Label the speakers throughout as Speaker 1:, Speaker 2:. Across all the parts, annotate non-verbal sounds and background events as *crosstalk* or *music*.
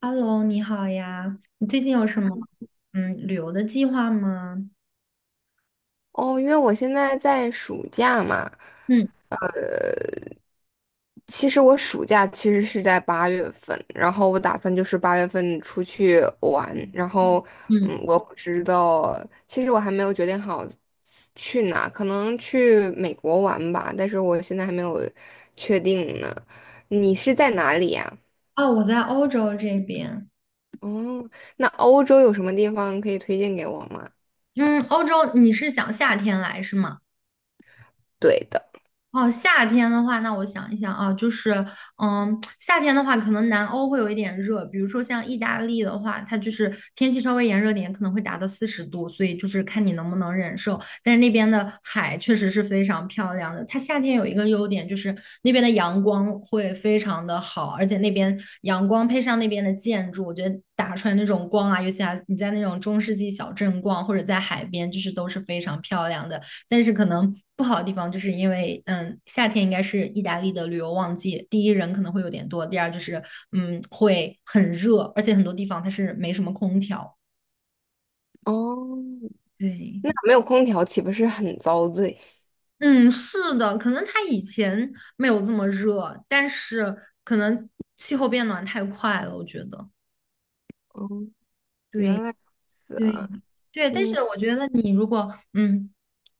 Speaker 1: Hello，你好呀，你最近有什么旅游的计划吗？
Speaker 2: 哦，因为我现在在暑假嘛，
Speaker 1: 嗯
Speaker 2: 其实我暑假是在八月份，然后我打算就是八月份出去玩，然后
Speaker 1: 嗯，
Speaker 2: 我不知道，其实我还没有决定好去哪，可能去美国玩吧，但是我现在还没有确定呢。你是在哪里呀？
Speaker 1: 哦，我在欧洲这边。
Speaker 2: 哦，那欧洲有什么地方可以推荐给我吗？
Speaker 1: 嗯，欧洲你是想夏天来是吗？
Speaker 2: 对的。
Speaker 1: 哦，夏天的话，那我想一想啊，就是，嗯，夏天的话，可能南欧会有一点热，比如说像意大利的话，它就是天气稍微炎热点，可能会达到40度，所以就是看你能不能忍受。但是那边的海确实是非常漂亮的，它夏天有一个优点就是那边的阳光会非常的好，而且那边阳光配上那边的建筑，我觉得打出来那种光啊，尤其啊你在那种中世纪小镇逛或者在海边，就是都是非常漂亮的。但是可能不好的地方就是因为，夏天应该是意大利的旅游旺季，第一人可能会有点多，第二就是，会很热，而且很多地方它是没什么空调。
Speaker 2: 哦，
Speaker 1: 对，
Speaker 2: 那没有空调岂不是很遭罪？
Speaker 1: 嗯，是的，可能它以前没有这么热，但是可能气候变暖太快了，我觉得。
Speaker 2: 哦，原
Speaker 1: 对
Speaker 2: 来如此
Speaker 1: 对
Speaker 2: 啊。
Speaker 1: 对，但
Speaker 2: 嗯。
Speaker 1: 是我觉得你如果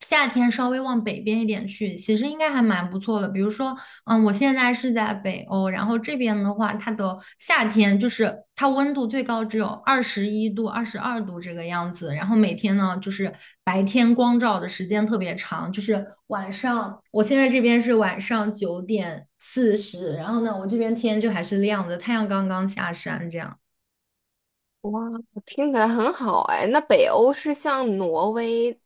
Speaker 1: 夏天稍微往北边一点去，其实应该还蛮不错的。比如说，我现在是在北欧，然后这边的话，它的夏天就是它温度最高只有21度、22度这个样子，然后每天呢就是白天光照的时间特别长，就是晚上，我现在这边是晚上9:40，然后呢，我这边天就还是亮的，太阳刚刚下山这样。
Speaker 2: 哇，听起来很好哎。那北欧是像挪威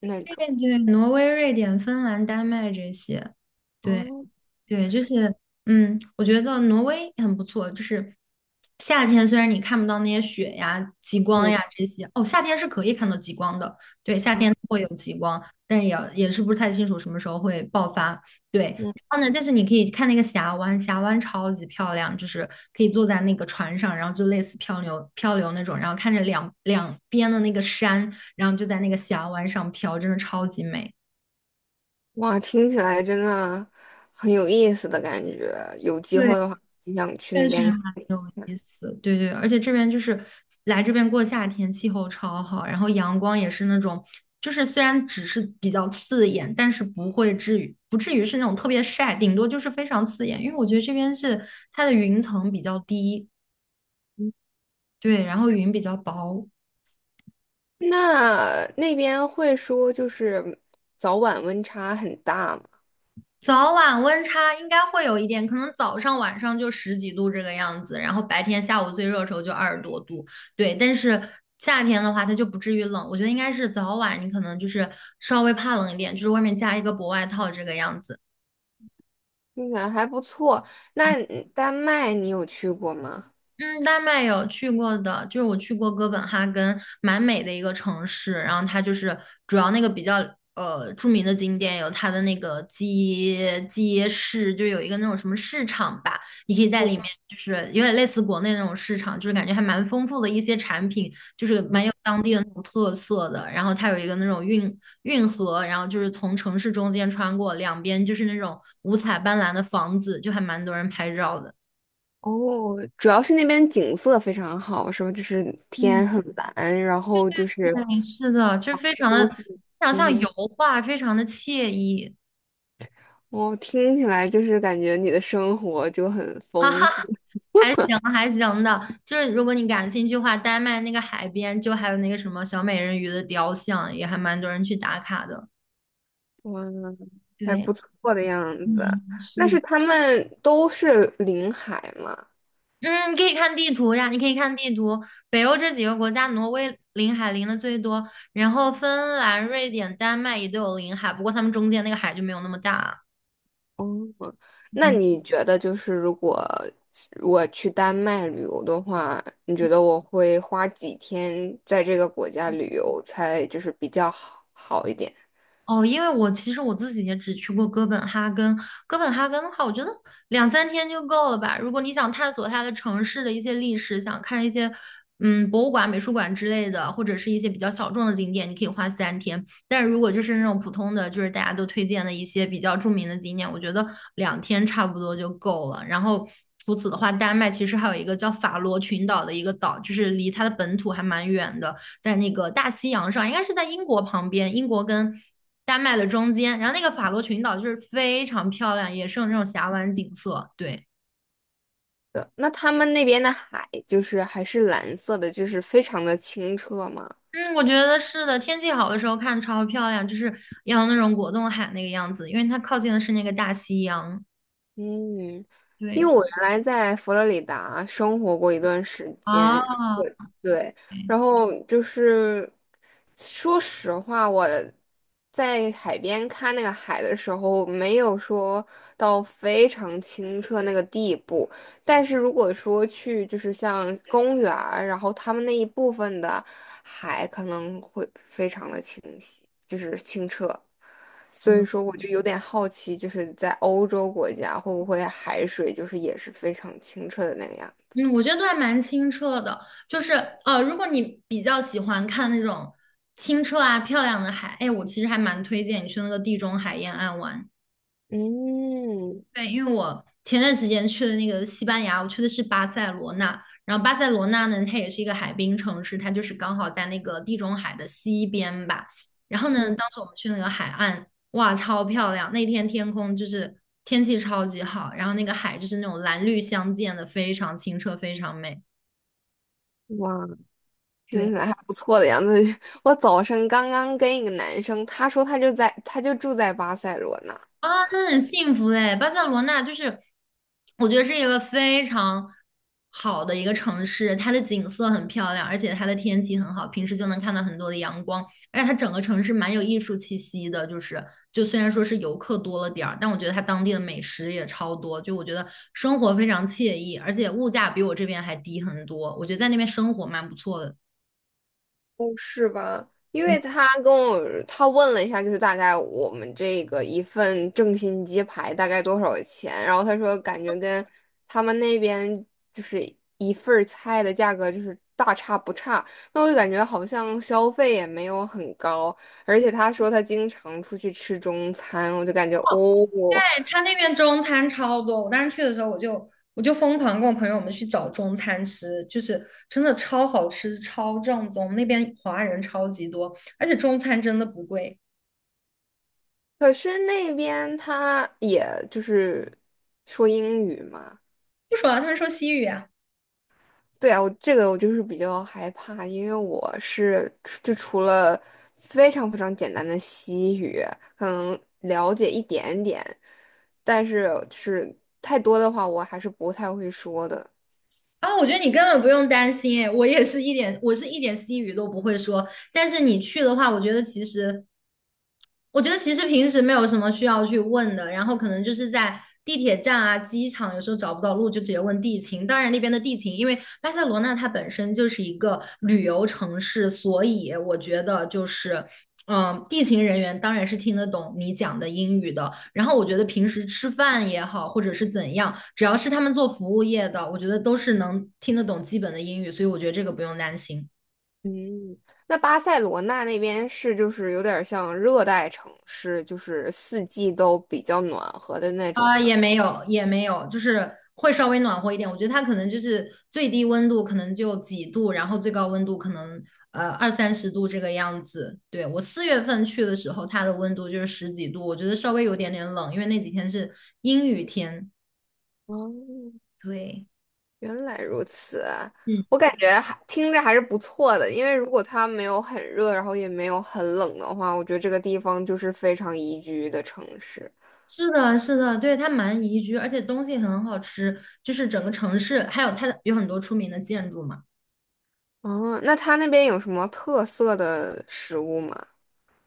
Speaker 2: 那种？
Speaker 1: 对对，挪威、瑞典、芬兰、丹麦这些，对，
Speaker 2: 哦。
Speaker 1: 对，就是，我觉得挪威很不错。就是夏天，虽然你看不到那些雪呀、极光
Speaker 2: 嗯。
Speaker 1: 呀这些，哦，夏天是可以看到极光的。对，夏
Speaker 2: 啊。
Speaker 1: 天会有极光，但是也是不是太清楚什么时候会爆发。对，然
Speaker 2: 嗯。
Speaker 1: 后呢，但是你可以看那个峡湾，峡湾超级漂亮，就是可以坐在那个船上，然后就类似漂流漂流那种，然后看着两边的那个山，然后就在那个峡湾上飘，真的超级美。
Speaker 2: 哇，听起来真的很有意思的感觉。有机
Speaker 1: 对，
Speaker 2: 会的话，很想去那
Speaker 1: 但是。
Speaker 2: 边看一
Speaker 1: 有
Speaker 2: 看。
Speaker 1: 意思，对对，而且这边就是来这边过夏天，气候超好，然后阳光也是那种，就是虽然只是比较刺眼，但是不会至于不至于是那种特别晒，顶多就是非常刺眼，因为我觉得这边是它的云层比较低，对，然后云比较薄，
Speaker 2: 那那边会说就是早晚温差很大吗？
Speaker 1: 早晚温差应该会有一点，可能早上晚上就十几度这个样子，然后白天下午最热的时候就二十多度，对。但是夏天的话，它就不至于冷，我觉得应该是早晚你可能就是稍微怕冷一点，就是外面加一个薄外套这个样子。
Speaker 2: 听起来还不错。那丹麦你有去过吗？
Speaker 1: 嗯，丹麦有去过的，就是我去过哥本哈根，蛮美的一个城市。然后它就是主要那个比较著名的景点有它的那个街市，就有一个那种什么市场吧，你可以在里面就是有点类似国内那种市场，就是感觉还蛮丰富的一些产品，就是蛮有当地的那种特色的。然后它有一个那种运河，然后就是从城市中间穿过，两边就是那种五彩斑斓的房子，就还蛮多人拍照的。
Speaker 2: 哦，主要是那边景色非常好，是吧？就是
Speaker 1: 嗯。
Speaker 2: 天很蓝，然后就是。
Speaker 1: 嗯，是的，就是非常的，
Speaker 2: 都是。
Speaker 1: 非常
Speaker 2: 嗯
Speaker 1: 像油
Speaker 2: 哼。
Speaker 1: 画，非常的惬意，
Speaker 2: 我听起来就是感觉你的生活就很
Speaker 1: *laughs* 哈哈，
Speaker 2: 丰富。
Speaker 1: 还行还行的。就是如果你感兴趣的话，丹麦那个海边就还有那个什么小美人鱼的雕像，也还蛮多人去打卡的。
Speaker 2: 哇，还
Speaker 1: 对，
Speaker 2: 不错的样子。
Speaker 1: 嗯，是
Speaker 2: 那
Speaker 1: 的
Speaker 2: 是他们都是临海吗？
Speaker 1: 嗯，你可以看地图呀，你可以看地图。北欧这几个国家，挪威临海临的最多，然后芬兰、瑞典、丹麦也都有临海，不过他们中间那个海就没有那么大。
Speaker 2: 哦，那你觉得就是如果我去丹麦旅游的话，你觉得我会花几天在这个国家旅游才就是比较好一点
Speaker 1: 哦，因为我其实我自己也只去过哥本哈根。哥本哈根的话，我觉得两三天就够了吧。如果你想探索它的城市的一些历史，想看一些博物馆、美术馆之类的，或者是一些比较小众的景点，你可以花三天。但是如果就是那种普通的，就是大家都推荐的一些比较著名的景点，我觉得2天差不多就够了。然后除此的话，丹麦其实还有一个叫法罗群岛的一个岛，就是离它的本土还蛮远的。在那个大西洋上，应该是在英国旁边，英国跟丹麦的中间，然后那个法罗群岛就是非常漂亮，也是有那种峡湾景色。对，
Speaker 2: 的？那他们那边的海就是还是蓝色的，就是非常的清澈吗？
Speaker 1: 嗯，我觉得是的，天气好的时候看超漂亮，就是要那种果冻海那个样子，因为它靠近的是那个大西洋。
Speaker 2: 嗯，
Speaker 1: 对，
Speaker 2: 因为
Speaker 1: 挺
Speaker 2: 我原来在佛罗里达生活过一段时间。
Speaker 1: 啊，
Speaker 2: 对，
Speaker 1: 对
Speaker 2: 然后就是说实话，我在海边看那个海的时候，没有说到非常清澈那个地步，但是如果说去就是像公园儿然后他们那一部分的海可能会非常的清晰，就是清澈。所以说，我就有点好奇，就是在欧洲国家会不会海水就是也是非常清澈的那个样子？
Speaker 1: 嗯，我觉得都还蛮清澈的，就是如果你比较喜欢看那种清澈啊漂亮的海，哎，我其实还蛮推荐你去那个地中海沿岸玩。
Speaker 2: 嗯。
Speaker 1: 对，因为我前段时间去的那个西班牙，我去的是巴塞罗那。然后巴塞罗那呢，它也是一个海滨城市，它就是刚好在那个地中海的西边吧。然后呢，当时我们去那个海岸，哇，超漂亮！那天天空就是天气超级好，然后那个海就是那种蓝绿相间的，非常清澈，非常美。
Speaker 2: 哇，听
Speaker 1: 对。
Speaker 2: 起来还不错的样子。*laughs* 我早上刚刚跟一个男生，他就住在巴塞罗那。
Speaker 1: 啊，那很幸福哎！巴塞罗那就是，我觉得是一个非常好的一个城市，它的景色很漂亮，而且它的天气很好，平时就能看到很多的阳光，而且它整个城市蛮有艺术气息的。就是，就虽然说是游客多了点儿，但我觉得它当地的美食也超多，就我觉得生活非常惬意，而且物价比我这边还低很多，我觉得在那边生活蛮不错的。
Speaker 2: 哦，是吧？因为他跟我他问了一下，就是大概我们这个一份正新鸡排大概多少钱，然后他说感觉跟他们那边就是一份儿菜的价格就是大差不差，那我就感觉好像消费也没有很高，而且他说他经常出去吃中餐，我就感觉哦。
Speaker 1: 他那边中餐超多，我当时去的时候，我就疯狂跟我朋友们去找中餐吃，就是真的超好吃、超正宗。那边华人超级多，而且中餐真的不贵。
Speaker 2: 可是那边他也就是说英语嘛。
Speaker 1: 不说了，他们说西语啊，
Speaker 2: 对啊，我这个我就是比较害怕，因为我除了非常非常简单的西语，可能了解一点点，但是就是太多的话，我还是不太会说的。
Speaker 1: 啊，我觉得你根本不用担心，哎，我是一点西语都不会说。但是你去的话，我觉得其实平时没有什么需要去问的，然后可能就是在地铁站啊、机场，有时候找不到路就直接问地勤。当然那边的地勤，因为巴塞罗那它本身就是一个旅游城市，所以我觉得就是。地勤人员当然是听得懂你讲的英语的。然后我觉得平时吃饭也好，或者是怎样，只要是他们做服务业的，我觉得都是能听得懂基本的英语，所以我觉得这个不用担心。
Speaker 2: 嗯，那巴塞罗那那边是就是有点像热带城市，就是四季都比较暖和的那种
Speaker 1: 啊、
Speaker 2: 吗？
Speaker 1: 也没有，也没有，就是会稍微暖和一点。我觉得它可能就是最低温度可能就几度，然后最高温度可能二三十度这个样子。对，我4月份去的时候，它的温度就是十几度，我觉得稍微有点点冷，因为那几天是阴雨天。
Speaker 2: 哦，
Speaker 1: 对。
Speaker 2: 原来如此啊。
Speaker 1: 嗯，
Speaker 2: 我感觉还听着还是不错的，因为如果它没有很热，然后也没有很冷的话，我觉得这个地方就是非常宜居的城市。
Speaker 1: 是的，是的，对，它蛮宜居，而且东西很好吃，就是整个城市，还有它的有很多出名的建筑嘛。
Speaker 2: 哦，那它那边有什么特色的食物吗？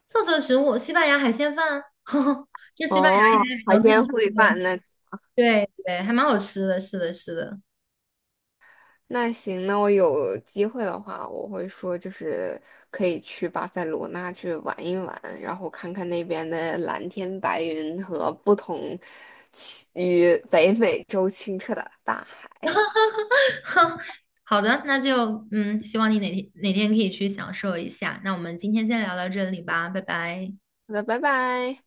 Speaker 1: 特色食物，西班牙海鲜饭啊，*laughs* 这是西班牙一
Speaker 2: 哦，
Speaker 1: 些比较
Speaker 2: 海
Speaker 1: 特色
Speaker 2: 鲜
Speaker 1: 的。
Speaker 2: 烩
Speaker 1: 东西。
Speaker 2: 饭。那
Speaker 1: 对对，还蛮好吃的，是的，是的。
Speaker 2: *laughs* 那行，那我有机会的话，我会说就是可以去巴塞罗那去玩一玩，然后看看那边的蓝天白云和不同其与北美洲清澈的大海。
Speaker 1: *laughs* 好的，那就希望你哪天哪天可以去享受一下。那我们今天先聊到这里吧，拜拜。
Speaker 2: 好的，拜拜。